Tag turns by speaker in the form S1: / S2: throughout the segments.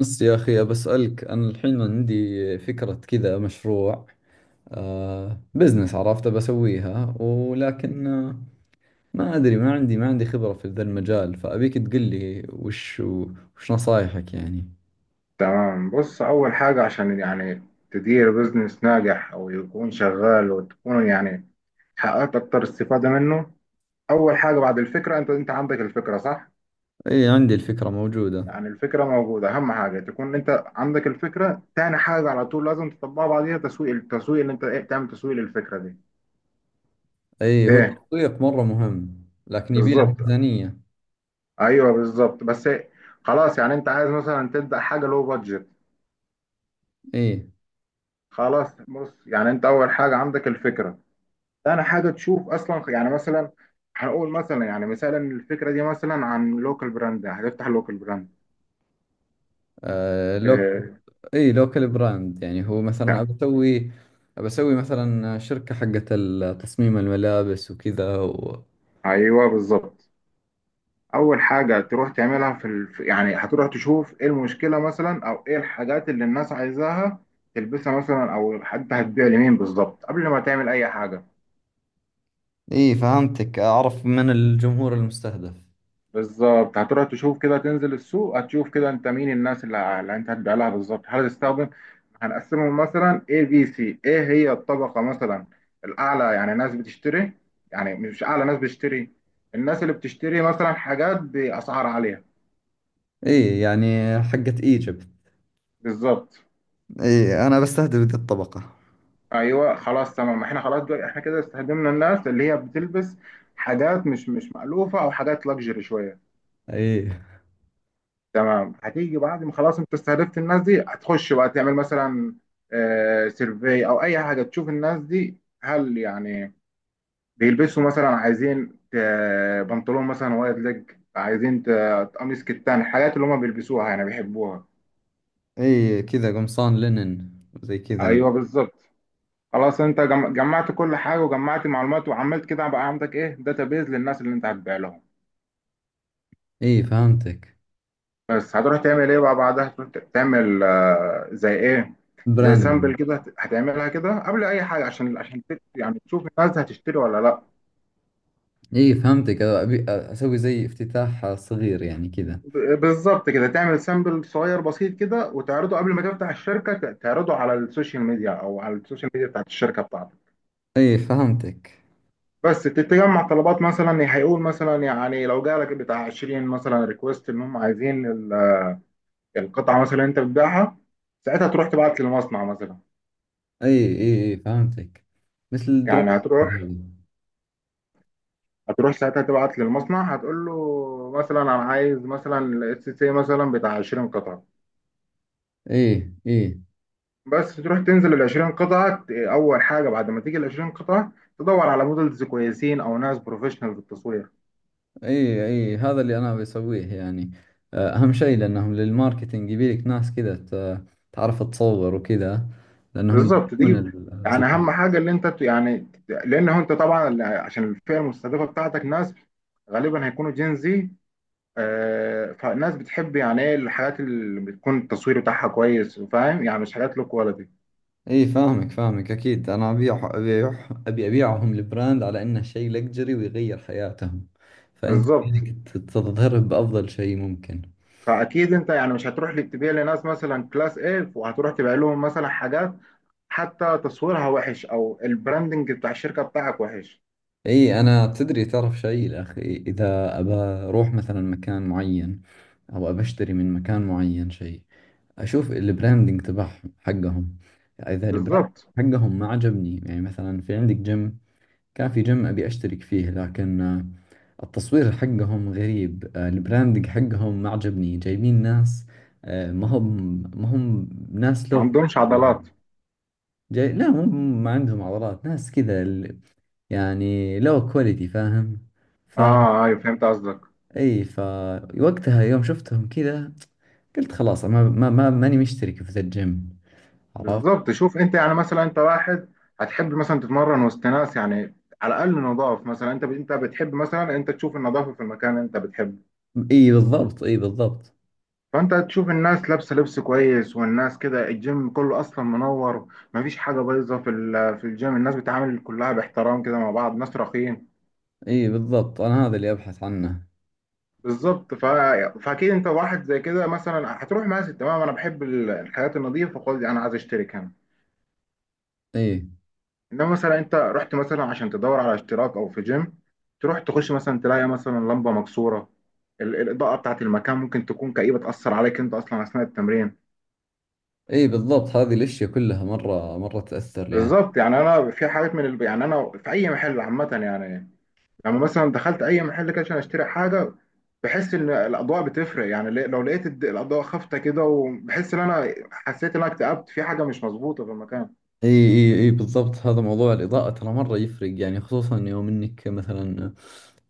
S1: بس يا أخي، بسألك أنا الحين عندي فكرة كذا مشروع، بزنس، عرفت بسويها، ولكن ما أدري، ما عندي خبرة في ذا المجال، فأبيك تقول لي وش نصايحك يعني.
S2: تمام، بص. أول حاجة عشان يعني تدير بزنس ناجح أو يكون شغال، وتكون يعني حققت أكتر استفادة منه. أول حاجة بعد الفكرة، أنت عندك الفكرة، صح؟
S1: أي، عندي الفكرة موجودة.
S2: يعني الفكرة موجودة، أهم حاجة تكون أنت عندك الفكرة. تاني حاجة على طول لازم تطبقها بعديها تسويق. اللي أنت إيه تعمل تسويق للفكرة دي،
S1: أي، هو
S2: ليه؟
S1: التسويق مرة مهم، لكن يبي له
S2: بالظبط.
S1: ميزانية.
S2: أيوه، بالظبط، بس. خلاص، يعني أنت عايز مثلا تبدأ حاجة لو بادجت.
S1: أي،
S2: خلاص، بص، يعني أنت أول حاجة عندك الفكرة. انا حاجه تشوف اصلا يعني مثلا، هنقول مثلا يعني مثلا الفكره دي مثلا عن لوكال براند، هتفتح لوكال براند
S1: آه لوك
S2: آه
S1: أي لوكال براند، يعني هو مثلا
S2: بتاع.
S1: أبي أسوي، أبي أسوي مثلا شركة حقت تصميم الملابس وكذا.
S2: ايوه، بالظبط. اول حاجه تروح تعملها في يعني هتروح تشوف ايه المشكله مثلا، او ايه الحاجات اللي الناس عايزاها تلبسها مثلا، او حتى هتبيع لمين بالظبط قبل ما تعمل اي حاجه.
S1: اي فهمتك، اعرف من الجمهور المستهدف.
S2: بالظبط، هتروح تشوف كده، تنزل السوق، هتشوف كده انت مين الناس اللي انت هتبيع لها بالظبط. هتستخدم هنقسمهم مثلا A B C. ايه هي الطبقة مثلا الأعلى؟ يعني ناس بتشتري. يعني مش أعلى، ناس بتشتري، الناس اللي بتشتري مثلا حاجات بأسعار عالية.
S1: اي يعني حقت ايجيبت.
S2: بالظبط.
S1: اي، انا بستهدف ذي الطبقة.
S2: أيوه، خلاص، تمام. احنا خلاص دول، احنا كده استخدمنا الناس اللي هي بتلبس حاجات مش مألوفة أو حاجات لاكجري شوية.
S1: اي،
S2: تمام. هتيجي بعد ما خلاص انت استهدفت الناس دي، هتخش بقى تعمل مثلا سيرفي او اي حاجه تشوف الناس دي هل يعني بيلبسوا مثلا. عايزين بنطلون مثلا وايد ليج، عايزين قميص كتان، الحاجات اللي هم بيلبسوها يعني بيحبوها.
S1: اي كذا قمصان لينن زي كذا يعني.
S2: ايوه، بالظبط. خلاص انت جمعت كل حاجه، وجمعت معلومات، وعملت كده. بقى عندك ايه داتابيز للناس اللي انت هتبيع لهم.
S1: اي فهمتك.
S2: بس هتروح تعمل ايه بقى بعدها؟ تروح تعمل زي ايه، زي
S1: براندنج.
S2: سامبل كده. هتعملها كده قبل اي حاجه عشان يعني تشوف الناس هتشتري ولا لا.
S1: اي فهمتك، ابي اسوي زي افتتاح صغير يعني كذا.
S2: بالظبط. كده تعمل سامبل صغير بسيط كده وتعرضه قبل ما تفتح الشركه، تعرضه على السوشيال ميديا او على السوشيال ميديا بتاعت الشركه بتاعتك.
S1: اي فهمتك.
S2: بس تتجمع طلبات. مثلا هيقول مثلا يعني لو جالك بتاع 20 مثلا ريكوست ان هم عايزين القطعه مثلا انت بتبيعها، ساعتها تروح تبعت للمصنع مثلا.
S1: اي، اي، اي فهمتك، مثل الدروب
S2: يعني
S1: شيبينج هذا.
S2: هتروح ساعتها تبعت للمصنع، هتقول له مثلا انا عايز مثلا الاس سي مثلا بتاع 20 قطعه.
S1: اي، اي،
S2: بس تروح تنزل ال 20 قطعه. اول حاجه بعد ما تيجي ال 20 قطعه، تدور على مودلز كويسين او ناس بروفيشنال في التصوير.
S1: اي، اي هذا اللي انا بسويه يعني. اهم شيء لانهم للماركتينج يبيلك ناس كذا تعرف تصور وكذا، لانهم
S2: بالظبط،
S1: يدرون
S2: تجيب. يعني
S1: الزبائن.
S2: اهم حاجه اللي انت يعني، لان هو انت طبعا عشان الفئه المستهدفه بتاعتك ناس غالبا هيكونوا جين زي. فالناس بتحب يعني ايه الحاجات اللي بتكون التصوير بتاعها كويس، فاهم؟ يعني مش حاجات لو كواليتي.
S1: اي فاهمك فاهمك، اكيد انا ابي ابيعهم البراند على انه شيء لكجري ويغير حياتهم، فانت
S2: بالظبط.
S1: يبيلك تظهره بافضل شيء ممكن.
S2: فاكيد انت يعني مش هتروح لي تبيع لناس مثلا كلاس ايه وهتروح تبيع لهم مثلا حاجات حتى تصويرها وحش او البراندنج بتاع الشركه بتاعك وحش.
S1: اي، انا تدري تعرف شيء يا اخي، اذا ابى اروح مثلا مكان معين او ابى اشتري من مكان معين شيء، اشوف البراندنج تبعهم حقهم، اذا البراند
S2: بالظبط،
S1: حقهم ما عجبني. يعني مثلا في عندك جيم، كان في جيم ابي اشترك فيه، لكن التصوير حقهم غريب، البراندنج حقهم ما عجبني، جايبين ناس، ما هم ناس
S2: ما
S1: لو
S2: عندهمش
S1: كواليتي،
S2: عضلات.
S1: جاي لا، مو ما عندهم عضلات، ناس كذا يعني لو كواليتي، فاهم؟ ف
S2: اه، ايوه، فهمت قصدك.
S1: اي، وقتها يوم شفتهم كذا قلت خلاص، ما ما ما ماني مشترك في ذا الجيم، عرفت؟
S2: بالظبط. شوف، انت يعني مثلا انت واحد هتحب مثلا تتمرن وسط ناس، يعني على الاقل نضاف مثلا. انت بتحب مثلا انت تشوف النظافه في المكان اللي انت بتحبه.
S1: اي بالضبط، اي بالضبط.
S2: فانت هتشوف الناس لابسه لبس كويس، والناس كده الجيم كله اصلا منور، مفيش حاجه بايظه في الجيم. الناس بتعامل كلها باحترام كده مع بعض، ناس راقيين.
S1: اي بالضبط، انا هذا اللي ابحث عنه.
S2: بالظبط. فاكيد انت واحد زي كده مثلا هتروح ماسك تمام، انا بحب الحياه النظيفه خالص، انا عايز اشترك هنا.
S1: اي،
S2: انما مثلا انت رحت مثلا عشان تدور على اشتراك او في جيم، تروح تخش مثلا تلاقي مثلا لمبه مكسوره. الاضاءه بتاعت المكان ممكن تكون كئيبه، تاثر عليك انت اصلا اثناء التمرين.
S1: اي بالضبط، هذه الاشياء كلها مرة مرة تأثر يعني.
S2: بالظبط. يعني انا في حاجات يعني انا في اي محل عامه يعني. لما مثلا دخلت اي محل كده عشان اشتري حاجه، بحس ان الاضواء بتفرق يعني. لو لقيت الاضواء خافته كده، وبحس ان انا حسيت ان انا اكتئبت، في حاجه مش مظبوطه في المكان.
S1: اي، اي، اي بالضبط، هذا موضوع الإضاءة، ترى مرة يفرق يعني، خصوصا يوم انك مثلا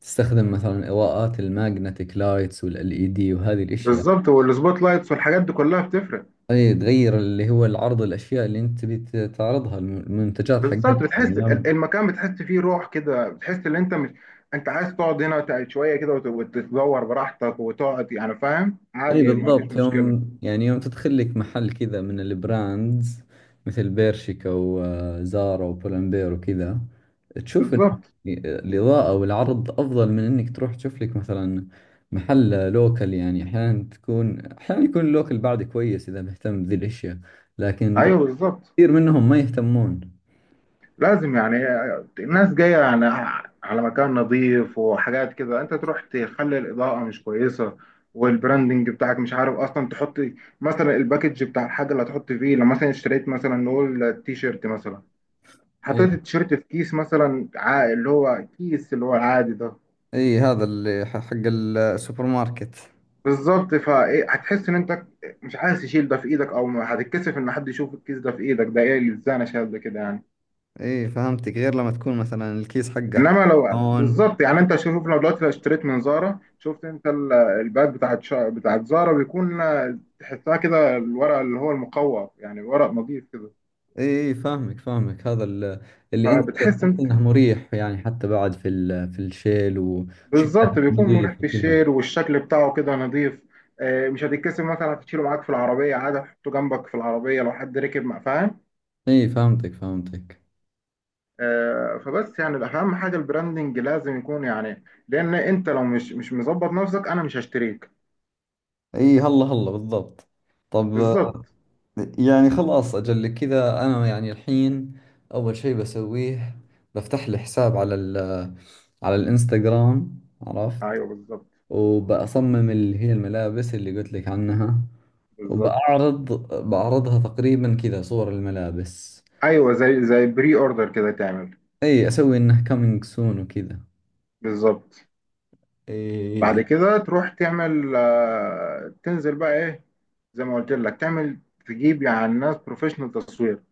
S1: تستخدم مثلا إضاءات الماجنتيك لايتس والال اي دي وهذه الاشياء.
S2: بالظبط، والسبوت لايتس والحاجات دي كلها بتفرق.
S1: اي، تغير اللي هو العرض، الاشياء اللي انت تبي تعرضها، المنتجات
S2: بالظبط.
S1: حقتك يعني
S2: بتحس
S1: يوم.
S2: المكان بتحس فيه روح كده، بتحس ان انت مش انت عايز تقعد هنا شويه كده وتتدور براحتك وتقعد يعني، فاهم؟
S1: اي
S2: عادي، ما فيش
S1: بالضبط،
S2: مشكله.
S1: يوم يعني يوم تدخل لك محل كذا من البراندز مثل بيرشيكا وزارا وبولمبير وكذا، تشوف انه
S2: بالظبط.
S1: الاضاءة والعرض افضل من انك تروح تشوف لك مثلا محل لوكل. يعني احيانا تكون، احيانا يكون اللوكل بعد كويس اذا مهتم بذي الاشياء، لكن
S2: ايوه، بالظبط.
S1: كثير منهم ما يهتمون.
S2: لازم يعني الناس جاية يعني على مكان نظيف وحاجات كده، انت تروح تخلي الإضاءة مش كويسة، والبراندنج بتاعك مش عارف اصلا تحط، مثلا الباكج بتاع الحاجة اللي هتحط فيه. لو مثلا اشتريت مثلا نقول التيشيرت مثلا،
S1: اي،
S2: حطيت التيشيرت في كيس مثلا اللي هو كيس اللي هو العادي ده.
S1: اي هذا اللي حق السوبر ماركت.
S2: بالظبط. فايه هتحس ان انت مش عايز تشيل ده في ايدك، او هتتكسف ان حد يشوف الكيس ده في ايدك، ده ايه اللي ازاي انا شايل ده كده يعني.
S1: اي فهمتك، غير لما تكون مثلا الكيس حقه
S2: انما لو
S1: كرتون.
S2: بالظبط، يعني انت شوف، لو دلوقتي لو اشتريت من زارا، شفت انت الباك بتاعت بتاعت زارا بيكون، تحسها كده الورق اللي هو المقوى، يعني ورق نظيف كده.
S1: اي فاهمك فاهمك، هذا اللي انت
S2: فبتحس
S1: تحس
S2: انت
S1: انه مريح يعني، حتى بعد في في الشيل وشكله
S2: بالظبط بيكون مريح
S1: نظيف
S2: في
S1: وكذا.
S2: الشيل، والشكل بتاعه كده نظيف. مش هتتكسر مثلا، هتشيله معاك في العربيه عادي، هتحطه جنبك في العربيه لو حد ركب مع، فاهم؟
S1: اي فهمتك فهمتك.
S2: فبس يعني الاهم حاجه البراندنج لازم يكون، يعني لان انت لو مش مظبط نفسك، انا مش هشتريك.
S1: اي، هلا هلا بالضبط. طب،
S2: بالظبط.
S1: يعني خلاص اجل كذا، انا يعني الحين اول شيء بسويه، بفتح لي حساب على على الانستغرام، عرفت؟
S2: ايوه، بالظبط،
S1: وبأصمم اللي هي الملابس اللي قلت لك عنها،
S2: بالظبط.
S1: وبأعرض، بعرضها تقريبا كذا صور الملابس.
S2: ايوه، زي بري اوردر كده تعمل.
S1: اي اسوي انه كامينج سون وكذا.
S2: بالظبط. بعد
S1: اي،
S2: كده تروح تعمل تنزل بقى ايه، زي ما قلت لك. تعمل تجيب يعني ناس بروفيشنال تصوير،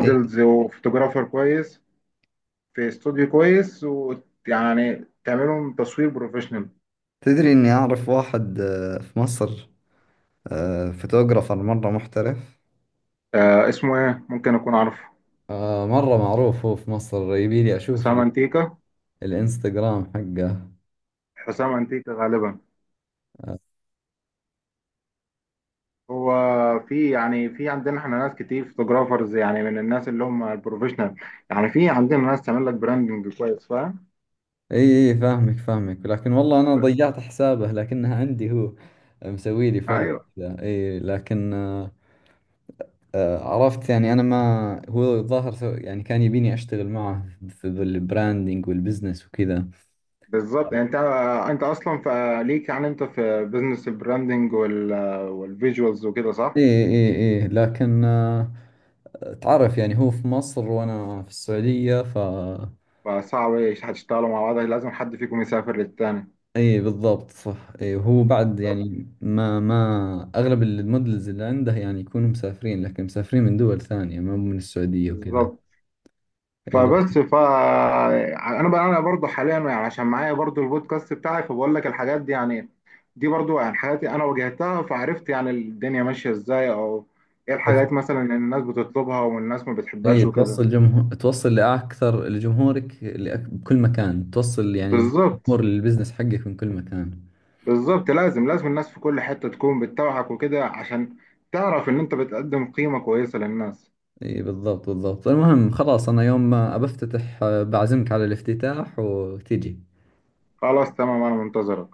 S1: اي
S2: وفوتوغرافر كويس، في استوديو كويس ويعني تعملهم تصوير بروفيشنال.
S1: تدري اني اعرف واحد في مصر، فوتوغرافر مرة محترف،
S2: آه، اسمه ايه؟ ممكن اكون عارفه.
S1: مرة معروف، هو في مصر، يبي لي اشوف
S2: حسام انتيكا.
S1: الانستغرام حقه.
S2: حسام انتيكا غالبا
S1: آه،
S2: هو. في، يعني في عندنا احنا ناس كتير فوتوغرافرز، يعني من الناس اللي هم البروفيشنال. يعني في عندنا ناس تعمل لك براندنج كويس، فاهم؟
S1: اي، اي فاهمك فاهمك، لكن والله انا ضيعت حسابه، لكنها عندي، هو مسوي لي فولو
S2: ايوه،
S1: كذا، اي لكن عرفت يعني، انا ما هو الظاهر يعني كان يبيني اشتغل معه في البراندنج والبزنس وكذا.
S2: بالظبط. يعني انت اصلا فليك يعني، انت في بزنس البراندنج والفيجوالز وكده، صح؟
S1: إيه، إيه، إيه لكن، تعرف يعني، هو في مصر وأنا في السعودية،
S2: فصعب، إيش هتشتغلوا مع بعض؟ لازم حد فيكم يسافر للتاني.
S1: إيه بالضبط، صح، إيه هو بعد يعني ما ما أغلب المودلز اللي عنده يعني يكونوا مسافرين، لكن مسافرين من دول ثانية، ما من السعودية وكذا.
S2: بالظبط.
S1: إيه لكن،
S2: فبس انا بقى، انا برضو حاليا يعني عشان معايا برضو البودكاست بتاعي، فبقول لك الحاجات دي يعني. دي برضو يعني حاجاتي انا واجهتها، فعرفت يعني الدنيا ماشيه ازاي، او ايه
S1: كيف-
S2: الحاجات مثلا اللي الناس بتطلبها والناس ما بتحبهاش
S1: إيه
S2: وكده.
S1: توصل جمهور، توصل لأكثر لجمهورك بكل مكان، توصل يعني
S2: بالظبط،
S1: الجمهور للبزنس حقك من كل مكان.
S2: بالظبط. لازم لازم الناس في كل حتة تكون بتتابعك وكده، عشان تعرف ان انت بتقدم قيمة كويسة للناس.
S1: اي بالضبط بالضبط، المهم خلاص، انا يوم ما بفتتح بعزمك على الافتتاح وتجي.
S2: خلاص، تمام. انا منتظرك.